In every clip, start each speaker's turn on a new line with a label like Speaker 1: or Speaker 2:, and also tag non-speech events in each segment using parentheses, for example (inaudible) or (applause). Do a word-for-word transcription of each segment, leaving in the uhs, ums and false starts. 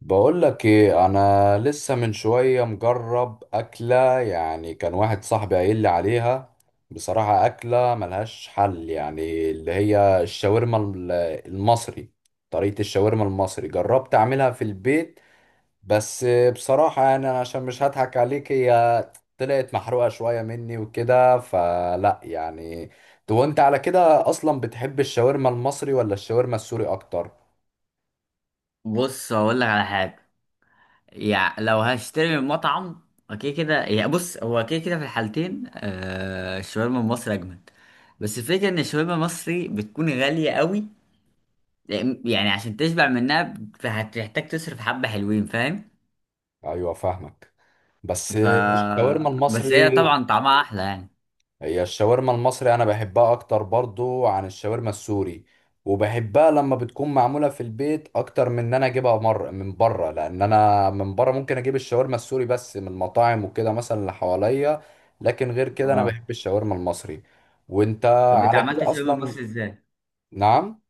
Speaker 1: بقول لك ايه؟ انا لسه من شويه مجرب اكله، يعني كان واحد صاحبي قايل لي عليها. بصراحه اكله ملهاش حل، يعني اللي هي الشاورما ال- المصري. طريقه الشاورما المصري جربت اعملها في البيت بس. بصراحه يعني أنا عشان مش هضحك عليك هي طلعت محروقه شويه مني وكده، فلا يعني. تو انت على كده اصلا بتحب الشاورما المصري ولا الشاورما السوري اكتر؟
Speaker 2: بص هقول لك على حاجه. يعني لو هشتري من مطعم اوكي كده، يعني بص، هو كده كده في الحالتين، آه الشاورما المصري اجمد. بس الفكره ان الشاورما المصري بتكون غاليه قوي، يعني عشان تشبع منها هتحتاج تصرف حبه حلوين، فاهم؟
Speaker 1: ايوه فاهمك، بس
Speaker 2: ف
Speaker 1: الشاورما
Speaker 2: بس هي
Speaker 1: المصري.
Speaker 2: طبعا طعمها احلى يعني.
Speaker 1: هي الشاورما المصري انا بحبها اكتر برضو عن الشاورما السوري، وبحبها لما بتكون معموله في البيت اكتر من ان انا اجيبها مر من بره، لان انا من بره ممكن اجيب الشاورما السوري بس من المطاعم وكده مثلا اللي حواليا. لكن غير كده انا
Speaker 2: اه.
Speaker 1: بحب الشاورما المصري. وانت
Speaker 2: طب انت
Speaker 1: على كده
Speaker 2: عملت الشاورما
Speaker 1: اصلا؟
Speaker 2: المصري ازاي؟
Speaker 1: نعم.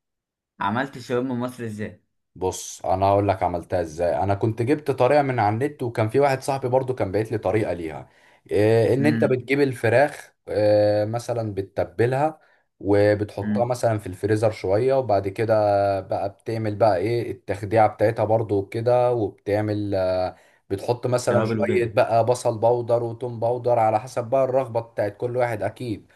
Speaker 2: عملت الشاورما المصري ازاي؟
Speaker 1: بص انا هقول لك عملتها ازاي، انا كنت جبت طريقه من على النت، وكان في واحد صاحبي برضو كان باعت لي طريقه ليها، إيه ان انت
Speaker 2: امم
Speaker 1: بتجيب الفراخ إيه مثلا بتتبلها، وبتحطها
Speaker 2: امم
Speaker 1: مثلا في الفريزر شويه، وبعد كده بقى بتعمل بقى ايه التخديعه بتاعتها برضو كده، وبتعمل آه، بتحط مثلا
Speaker 2: توابل
Speaker 1: شويه
Speaker 2: وكده.
Speaker 1: بقى بصل بودر وتوم بودر على حسب بقى الرغبه بتاعت كل واحد اكيد،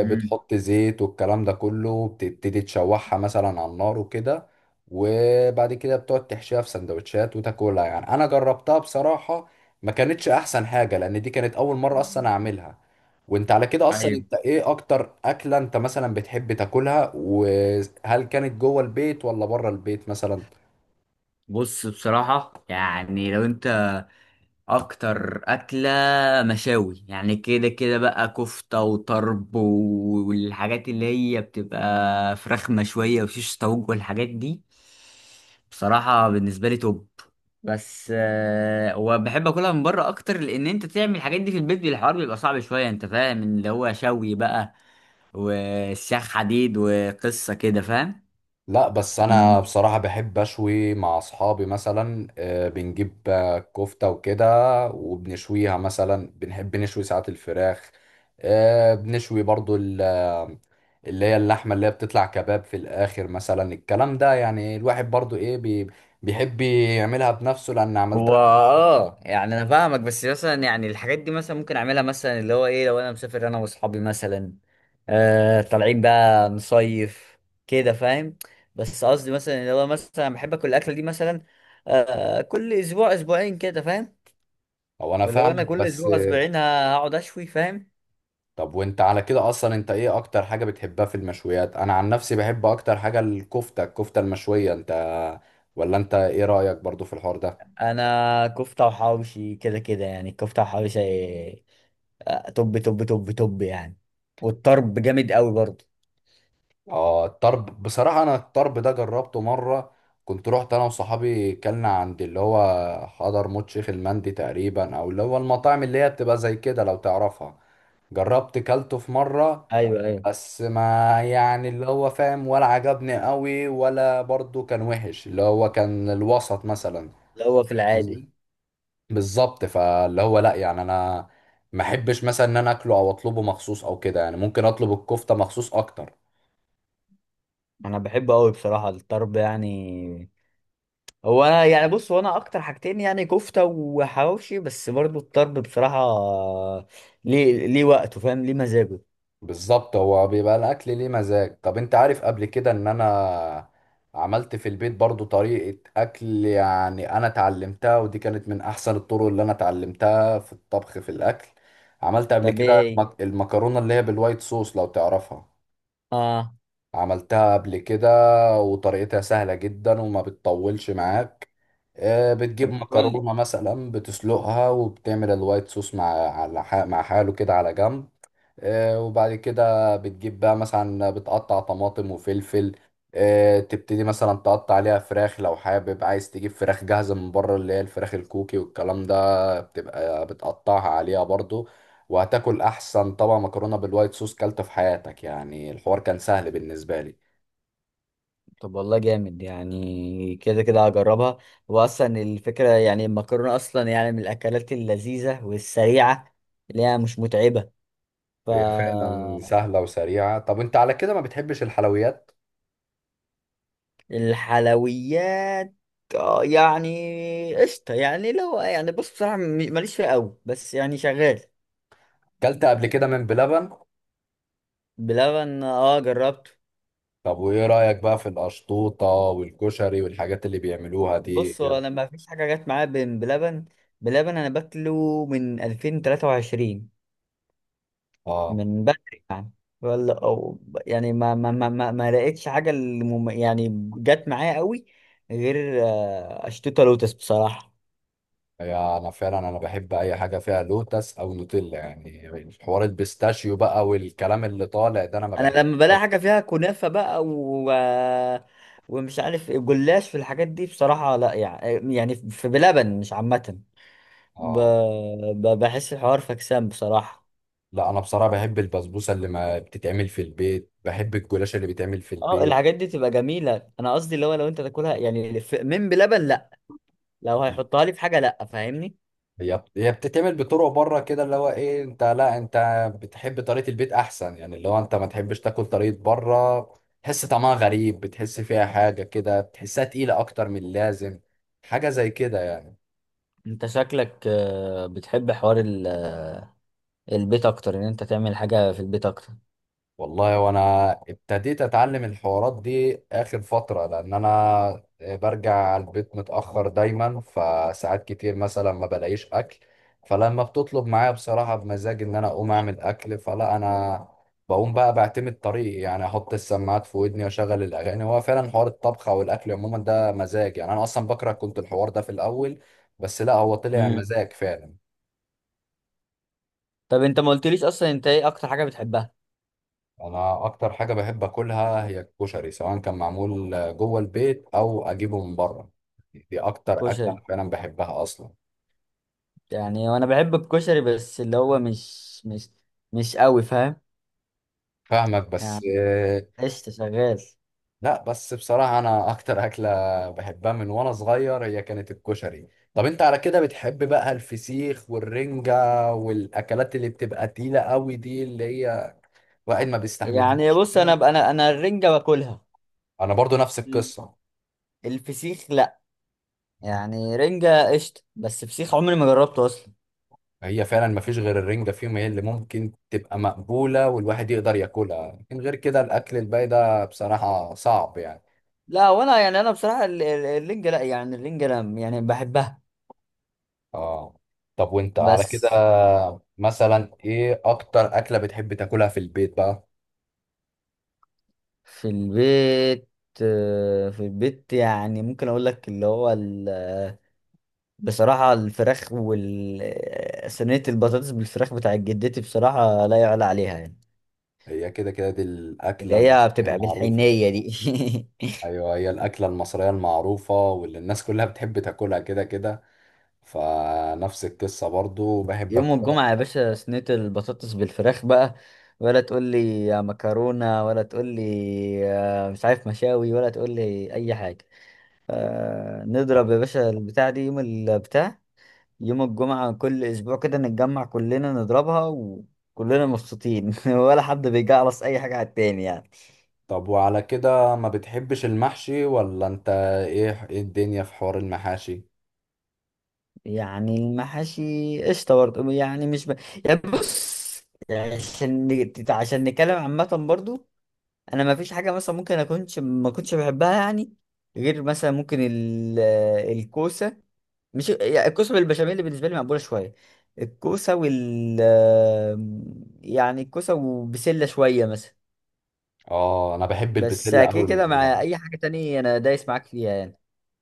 Speaker 2: امم
Speaker 1: زيت والكلام ده كله، بتبتدي تشوحها مثلا على النار وكده، وبعد كده بتقعد تحشيها في سندوتشات وتاكلها. يعني انا جربتها بصراحة، ما كانتش احسن حاجة لان دي كانت اول مرة اصلا اعملها. وانت على كده اصلا
Speaker 2: طيب،
Speaker 1: انت ايه اكتر اكلة انت مثلا بتحب تاكلها، وهل كانت جوه البيت ولا بره البيت مثلا؟
Speaker 2: بص بصراحه يعني لو انت، اكتر اكله مشاوي يعني، كده كده بقى كفته وطرب والحاجات اللي هي بتبقى فراخ مشويه وشيش طاووق والحاجات دي. بصراحه بالنسبه لي توب. بس آه، وبحب اكلها من بره اكتر، لان انت تعمل الحاجات دي في البيت الحوار بيبقى صعب شويه، انت فاهم اللي هو شوي بقى والسياخ حديد وقصه كده، فاهم؟
Speaker 1: لا بس انا بصراحة بحب اشوي مع اصحابي مثلا، آه، بنجيب آه، كفتة وكده، وبنشويها مثلا، بنحب نشوي ساعات الفراخ، آه، بنشوي برضو ال- آه، اللي هي اللحمة اللي هي بتطلع كباب في الاخر مثلا. الكلام ده يعني الواحد برضو ايه بي- بيحب يعملها بنفسه لان عملتها
Speaker 2: هو
Speaker 1: كذا
Speaker 2: اه
Speaker 1: مرة.
Speaker 2: يعني انا فاهمك، بس مثلا يعني الحاجات دي مثلا ممكن اعملها مثلا اللي هو ايه لو انا مسافر انا واصحابي مثلا، آه طالعين بقى نصيف كده، فاهم؟ بس قصدي مثلا اللي هو مثلا بحب اكل الاكله دي مثلا، آه كل اسبوع اسبوعين كده، فاهم؟
Speaker 1: هو انا
Speaker 2: فاللي هو انا
Speaker 1: فاهمك
Speaker 2: كل
Speaker 1: بس.
Speaker 2: اسبوع اسبوعين هقعد اشوي، فاهم؟
Speaker 1: طب وانت على كده اصلا انت ايه اكتر حاجة بتحبها في المشويات؟ انا عن نفسي بحب اكتر حاجة الكفتة، الكفتة المشوية. انت ولا انت ايه رأيك برضو في الحوار ده؟
Speaker 2: انا كفته وحواوشي كده كده يعني، الكفته وحواوشي آه، توب توب توب توب يعني. والطرب جامد قوي برضه.
Speaker 1: اه الطرب بصراحة، انا الطرب ده جربته مرة، كنت رحت انا وصحابي كلنا عند اللي هو حضرموت شيخ المندي تقريبا، او اللي هو المطاعم اللي هي بتبقى زي كده لو تعرفها. جربت كلته في مرة
Speaker 2: ايوه ايوه،
Speaker 1: بس ما يعني اللي هو فاهم ولا عجبني قوي ولا برضو كان وحش، اللي هو كان الوسط مثلا.
Speaker 2: اللي هو في
Speaker 1: فاهم
Speaker 2: العادي.
Speaker 1: قصدي؟ بالظبط، فاللي هو لا يعني انا ما احبش مثلا ان انا اكله او اطلبه مخصوص او كده، يعني ممكن اطلب الكفته مخصوص اكتر.
Speaker 2: انا بحبه قوي بصراحه الطرب يعني. هو انا يعني بص، هو انا اكتر حاجتين يعني كفته وحواوشي، بس برضو الطرب بصراحه ليه ليه وقته، فاهم؟ ليه مزاجه.
Speaker 1: بالظبط، هو بيبقى الاكل ليه مزاج. طب انت عارف قبل كده ان انا عملت في البيت برضو طريقه اكل؟ يعني انا اتعلمتها ودي كانت من احسن الطرق اللي انا اتعلمتها في الطبخ في الاكل. عملت قبل
Speaker 2: طب ايه
Speaker 1: كده
Speaker 2: ايه؟
Speaker 1: المك- المكرونه اللي هي بالوايت صوص لو تعرفها.
Speaker 2: اه.
Speaker 1: عملتها قبل كده وطريقتها سهلة جدا وما بتطولش معاك. آه،
Speaker 2: طب
Speaker 1: بتجيب
Speaker 2: ما تقول لي.
Speaker 1: مكرونة مثلا بتسلقها، وبتعمل الوايت صوص مع على ح- مع حاله كده على جنب. آه، وبعد كده بتجيب بقى مثلا بتقطع طماطم وفلفل. آه، تبتدي مثلا تقطع عليها فراخ، لو حابب عايز تجيب فراخ جاهزة من بره اللي هي الفراخ الكوكي والكلام ده، بتبقى بتقطعها عليها برضو. وهتاكل أحسن طبعا مكرونة بالوايت صوص كلته في حياتك، يعني الحوار كان سهل بالنسبة لي.
Speaker 2: طب والله جامد، يعني كده كده هجربها. واصلا الفكره يعني المكرونه اصلا يعني من الاكلات اللذيذه والسريعه، اللي هي مش متعبه. ف
Speaker 1: هي فعلا سهلة وسريعة. طب انت على كده ما بتحبش الحلويات؟
Speaker 2: الحلويات، آه، يعني قشطة، يعني لو يعني بص بصراحة م- ماليش فيها قوي بس يعني شغال.
Speaker 1: كلت قبل كده من بلبن؟
Speaker 2: بلبن، اه جربته.
Speaker 1: طب وايه رأيك بقى في القشطوطة والكشري والحاجات اللي بيعملوها دي؟
Speaker 2: بص هو انا ما فيش حاجة جت معايا بين بلبن. بلبن انا باكله من ألفين وتلاتة وعشرين.
Speaker 1: اه.
Speaker 2: من بعد ولا او يعني ما ما ما ما, ما لقيتش حاجة اللي مم- يعني جت معايا قوي، غير آه، اشتوتة لوتس بصراحة.
Speaker 1: هي انا فعلا انا بحب اي حاجه فيها لوتس او نوتيلا، يعني حوار البيستاشيو بقى والكلام اللي طالع ده انا ما
Speaker 2: انا
Speaker 1: بحبه.
Speaker 2: لما بلاقي حاجه فيها كنافه بقى و... ومش عارف إيه، جلاش في الحاجات دي بصراحه لا يعني، يعني في بلبن مش عامه. ب...
Speaker 1: اه.
Speaker 2: ب... بحس الحوار فكسان بصراحه.
Speaker 1: لا انا بصراحه بحب البسبوسه اللي ما بتتعمل في البيت، بحب الجلاش اللي بيتعمل في
Speaker 2: اه
Speaker 1: البيت.
Speaker 2: الحاجات دي تبقى جميله، انا قصدي اللي هو لو انت تاكلها يعني في... من بلبن لا، لو هيحطها لي في حاجه لا، فاهمني؟
Speaker 1: هي بت- هي بتتعمل بطرق بره كده اللي هو ايه انت، لا انت بتحب طريقه البيت احسن، يعني اللي هو انت ما تحبش تاكل طريقه بره، تحس طعمها غريب، بتحس فيها حاجه كده، بتحسها تقيله اكتر من اللازم، حاجه زي كده.
Speaker 2: انت شكلك آه، بتحب حوار ال... آه، البيت اكتر، ان انت تعمل حاجه في البيت اكتر.
Speaker 1: والله وانا ابتديت اتعلم الحوارات دي اخر فترة لان انا برجع البيت متأخر دايما، فساعات كتير مثلا ما بلاقيش اكل، فلما بتطلب معايا بصراحة بمزاج ان انا اقوم اعمل اكل، فلا انا بقوم بقى بعتمد طريقي، يعني احط السماعات في ودني واشغل الاغاني. هو فعلا حوار الطبخ او الاكل عموما ده مزاج، يعني انا اصلا بكره كنت الحوار ده في الاول، بس لا هو طلع
Speaker 2: مم.
Speaker 1: مزاج فعلا.
Speaker 2: طب انت ما قلتليش اصلا انت ايه اكتر حاجه بتحبها؟
Speaker 1: انا اكتر حاجه بحب اكلها هي الكشري، سواء كان معمول جوه البيت او اجيبه من بره، دي اكتر اكله
Speaker 2: كشري،
Speaker 1: انا فعلا بحبها اصلا.
Speaker 2: يعني وانا بحب الكشري بس اللي هو مش مش مش قوي، فاهم؟
Speaker 1: فاهمك بس.
Speaker 2: يعني قشطة شغال.
Speaker 1: لا بس بصراحه انا اكتر اكله بحبها من وانا صغير هي كانت الكشري. طب انت على كده بتحب بقى الفسيخ والرنجه والاكلات اللي بتبقى تقيله قوي دي اللي هي واحد ما
Speaker 2: يعني
Speaker 1: بيستحملهاش
Speaker 2: بص انا
Speaker 1: كده؟
Speaker 2: انا انا الرنجة باكلها.
Speaker 1: انا برضو نفس
Speaker 2: مم.
Speaker 1: القصه.
Speaker 2: الفسيخ لا، يعني رنجة قشطة بس فسيخ عمري ما جربته اصلا.
Speaker 1: هي فعلا ما فيش غير الرنجة فيهم هي اللي ممكن تبقى مقبولة والواحد يقدر ياكلها، لكن غير كده الأكل الباقي ده بصراحة صعب يعني.
Speaker 2: لا وانا يعني انا بصراحة ال- ال- الرنجة لا يعني الرنجة لا يعني بحبها.
Speaker 1: اه. طب وانت على كده
Speaker 2: بس
Speaker 1: مثلا ايه أكتر أكلة بتحب تاكلها في البيت بقى؟
Speaker 2: في البيت، آه، في البيت يعني ممكن اقول لك اللي هو بصراحة الفراخ وال صينية البطاطس بالفراخ بتاعت جدتي بصراحة لا يعلى عليها يعني،
Speaker 1: هي كده كده دي
Speaker 2: اللي
Speaker 1: الأكلة
Speaker 2: هي
Speaker 1: المصرية
Speaker 2: بتبقى
Speaker 1: المعروفة.
Speaker 2: بالحنية دي.
Speaker 1: أيوه، هي الأكلة المصرية المعروفة واللي الناس كلها بتحب تاكلها كده كده، فنفس القصة برضو
Speaker 2: (laughs)
Speaker 1: بحب
Speaker 2: يوم
Speaker 1: أكلها.
Speaker 2: الجمعة يا باشا صينية البطاطس بالفراخ بقى، ولا تقول لي يا مكرونة، ولا تقول لي يا مش عارف مشاوي، ولا تقول لي أي حاجة. آه، نضرب يا باشا البتاع دي يوم البتاع، يوم الجمعة كل أسبوع كده نتجمع كلنا نضربها وكلنا مبسوطين، (laughs) ولا حد بيجعلص أي حاجة على التاني يعني.
Speaker 1: طب وعلى كده ما بتحبش المحشي؟ ولا انت ايه ايه الدنيا في حوار المحاشي؟
Speaker 2: يعني المحاشي قشطة برضه، يعني مش ب... يعني بص يعني عشان نت- عشان نتكلم عامة برضه، أنا ما فيش حاجة مثلا ممكن أكونش ما كنتش بحبها يعني، غير مثلا ممكن ال... الكوسة. مش يعني الكوسة بالبشاميل اللي بالنسبة لي مقبولة شوية، الكوسة وال... يعني الكوسة وبسلة شوية مثلا.
Speaker 1: اه انا بحب
Speaker 2: بس
Speaker 1: البسلة
Speaker 2: كده
Speaker 1: قوي من
Speaker 2: كده مع
Speaker 1: زمان.
Speaker 2: أي حاجة تانية أنا دايس معاك فيها يعني.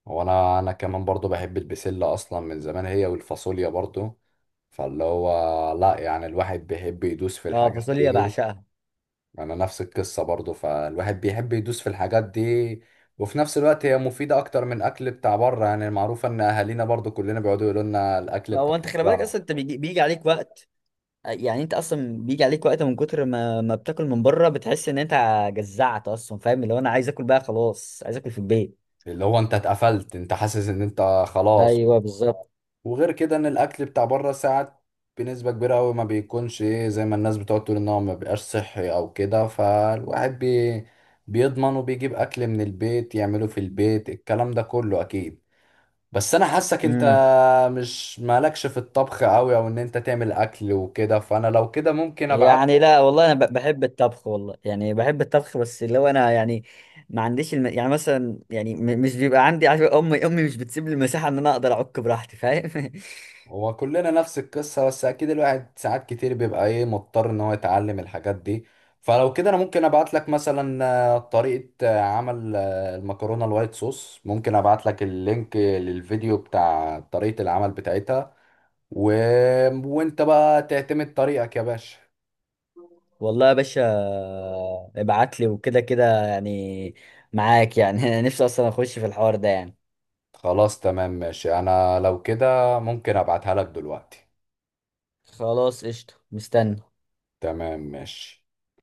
Speaker 1: وانا انا كمان برضو بحب البسلة اصلا من زمان، هي والفاصوليا برضو، فاللي هو لا يعني الواحد بيحب يدوس في
Speaker 2: اه
Speaker 1: الحاجات
Speaker 2: فاصوليا
Speaker 1: دي.
Speaker 2: بعشقها.
Speaker 1: انا نفس القصة برضو، فالواحد بيحب يدوس في الحاجات دي، وفي نفس الوقت هي مفيدة اكتر من الاكل بتاع بره، يعني المعروفة ان اهالينا برضو كلنا بيقعدوا يقولوا لنا الاكل بتاع
Speaker 2: هو انت خلي بالك
Speaker 1: بره
Speaker 2: اصلا انت بيجي, بيجي عليك وقت، يعني انت اصلا بيجي عليك وقت من كتر ما ما بتاكل من بره بتحس ان انت جزعت اصلا، فاهم؟ اللي هو انا عايز اكل بقى خلاص، عايز اكل في البيت.
Speaker 1: اللي هو انت اتقفلت انت حاسس ان انت خلاص.
Speaker 2: ايوه بالظبط.
Speaker 1: وغير كده ان الاكل بتاع بره ساعات بنسبه كبيره قوي ما بيكونش ايه زي ما الناس بتقعد تقول ان هو ما بيبقاش صحي او كده، فالواحد بي بيضمن وبيجيب اكل من البيت يعمله في البيت الكلام ده كله اكيد. بس انا حاسك انت
Speaker 2: امم
Speaker 1: مش مالكش في الطبخ قوي او ان انت تعمل اكل وكده، فانا لو كده ممكن ابعت.
Speaker 2: يعني لا والله انا ب- بحب الطبخ والله، يعني بحب الطبخ، بس اللي هو انا يعني ما عنديش الم... يعني مثلا يعني م... مش بيبقى عندي، عارف امي امي مش بتسيب لي المساحه ان انا اقدر اعك براحتي، فاهم؟
Speaker 1: هو كلنا نفس القصة، بس أكيد الواحد ساعات كتير بيبقى إيه مضطر إن هو يتعلم الحاجات دي. فلو كده أنا ممكن أبعت لك مثلا آه، طريقة آه، عمل آه، المكرونة الوايت صوص، ممكن أبعت لك اللينك للفيديو بتاع طريقة العمل بتاعتها و... وأنت بقى تعتمد طريقك يا باشا.
Speaker 2: (laughs) والله يا باشا ابعت لي وكده كده يعني، معاك يعني. (laughs) انا نفسي اصلا اخش في الحوار ده يعني.
Speaker 1: خلاص تمام ماشي، أنا لو كده ممكن أبعتها لك دلوقتي.
Speaker 2: خلاص قشطه، مستني.
Speaker 1: تمام ماشي.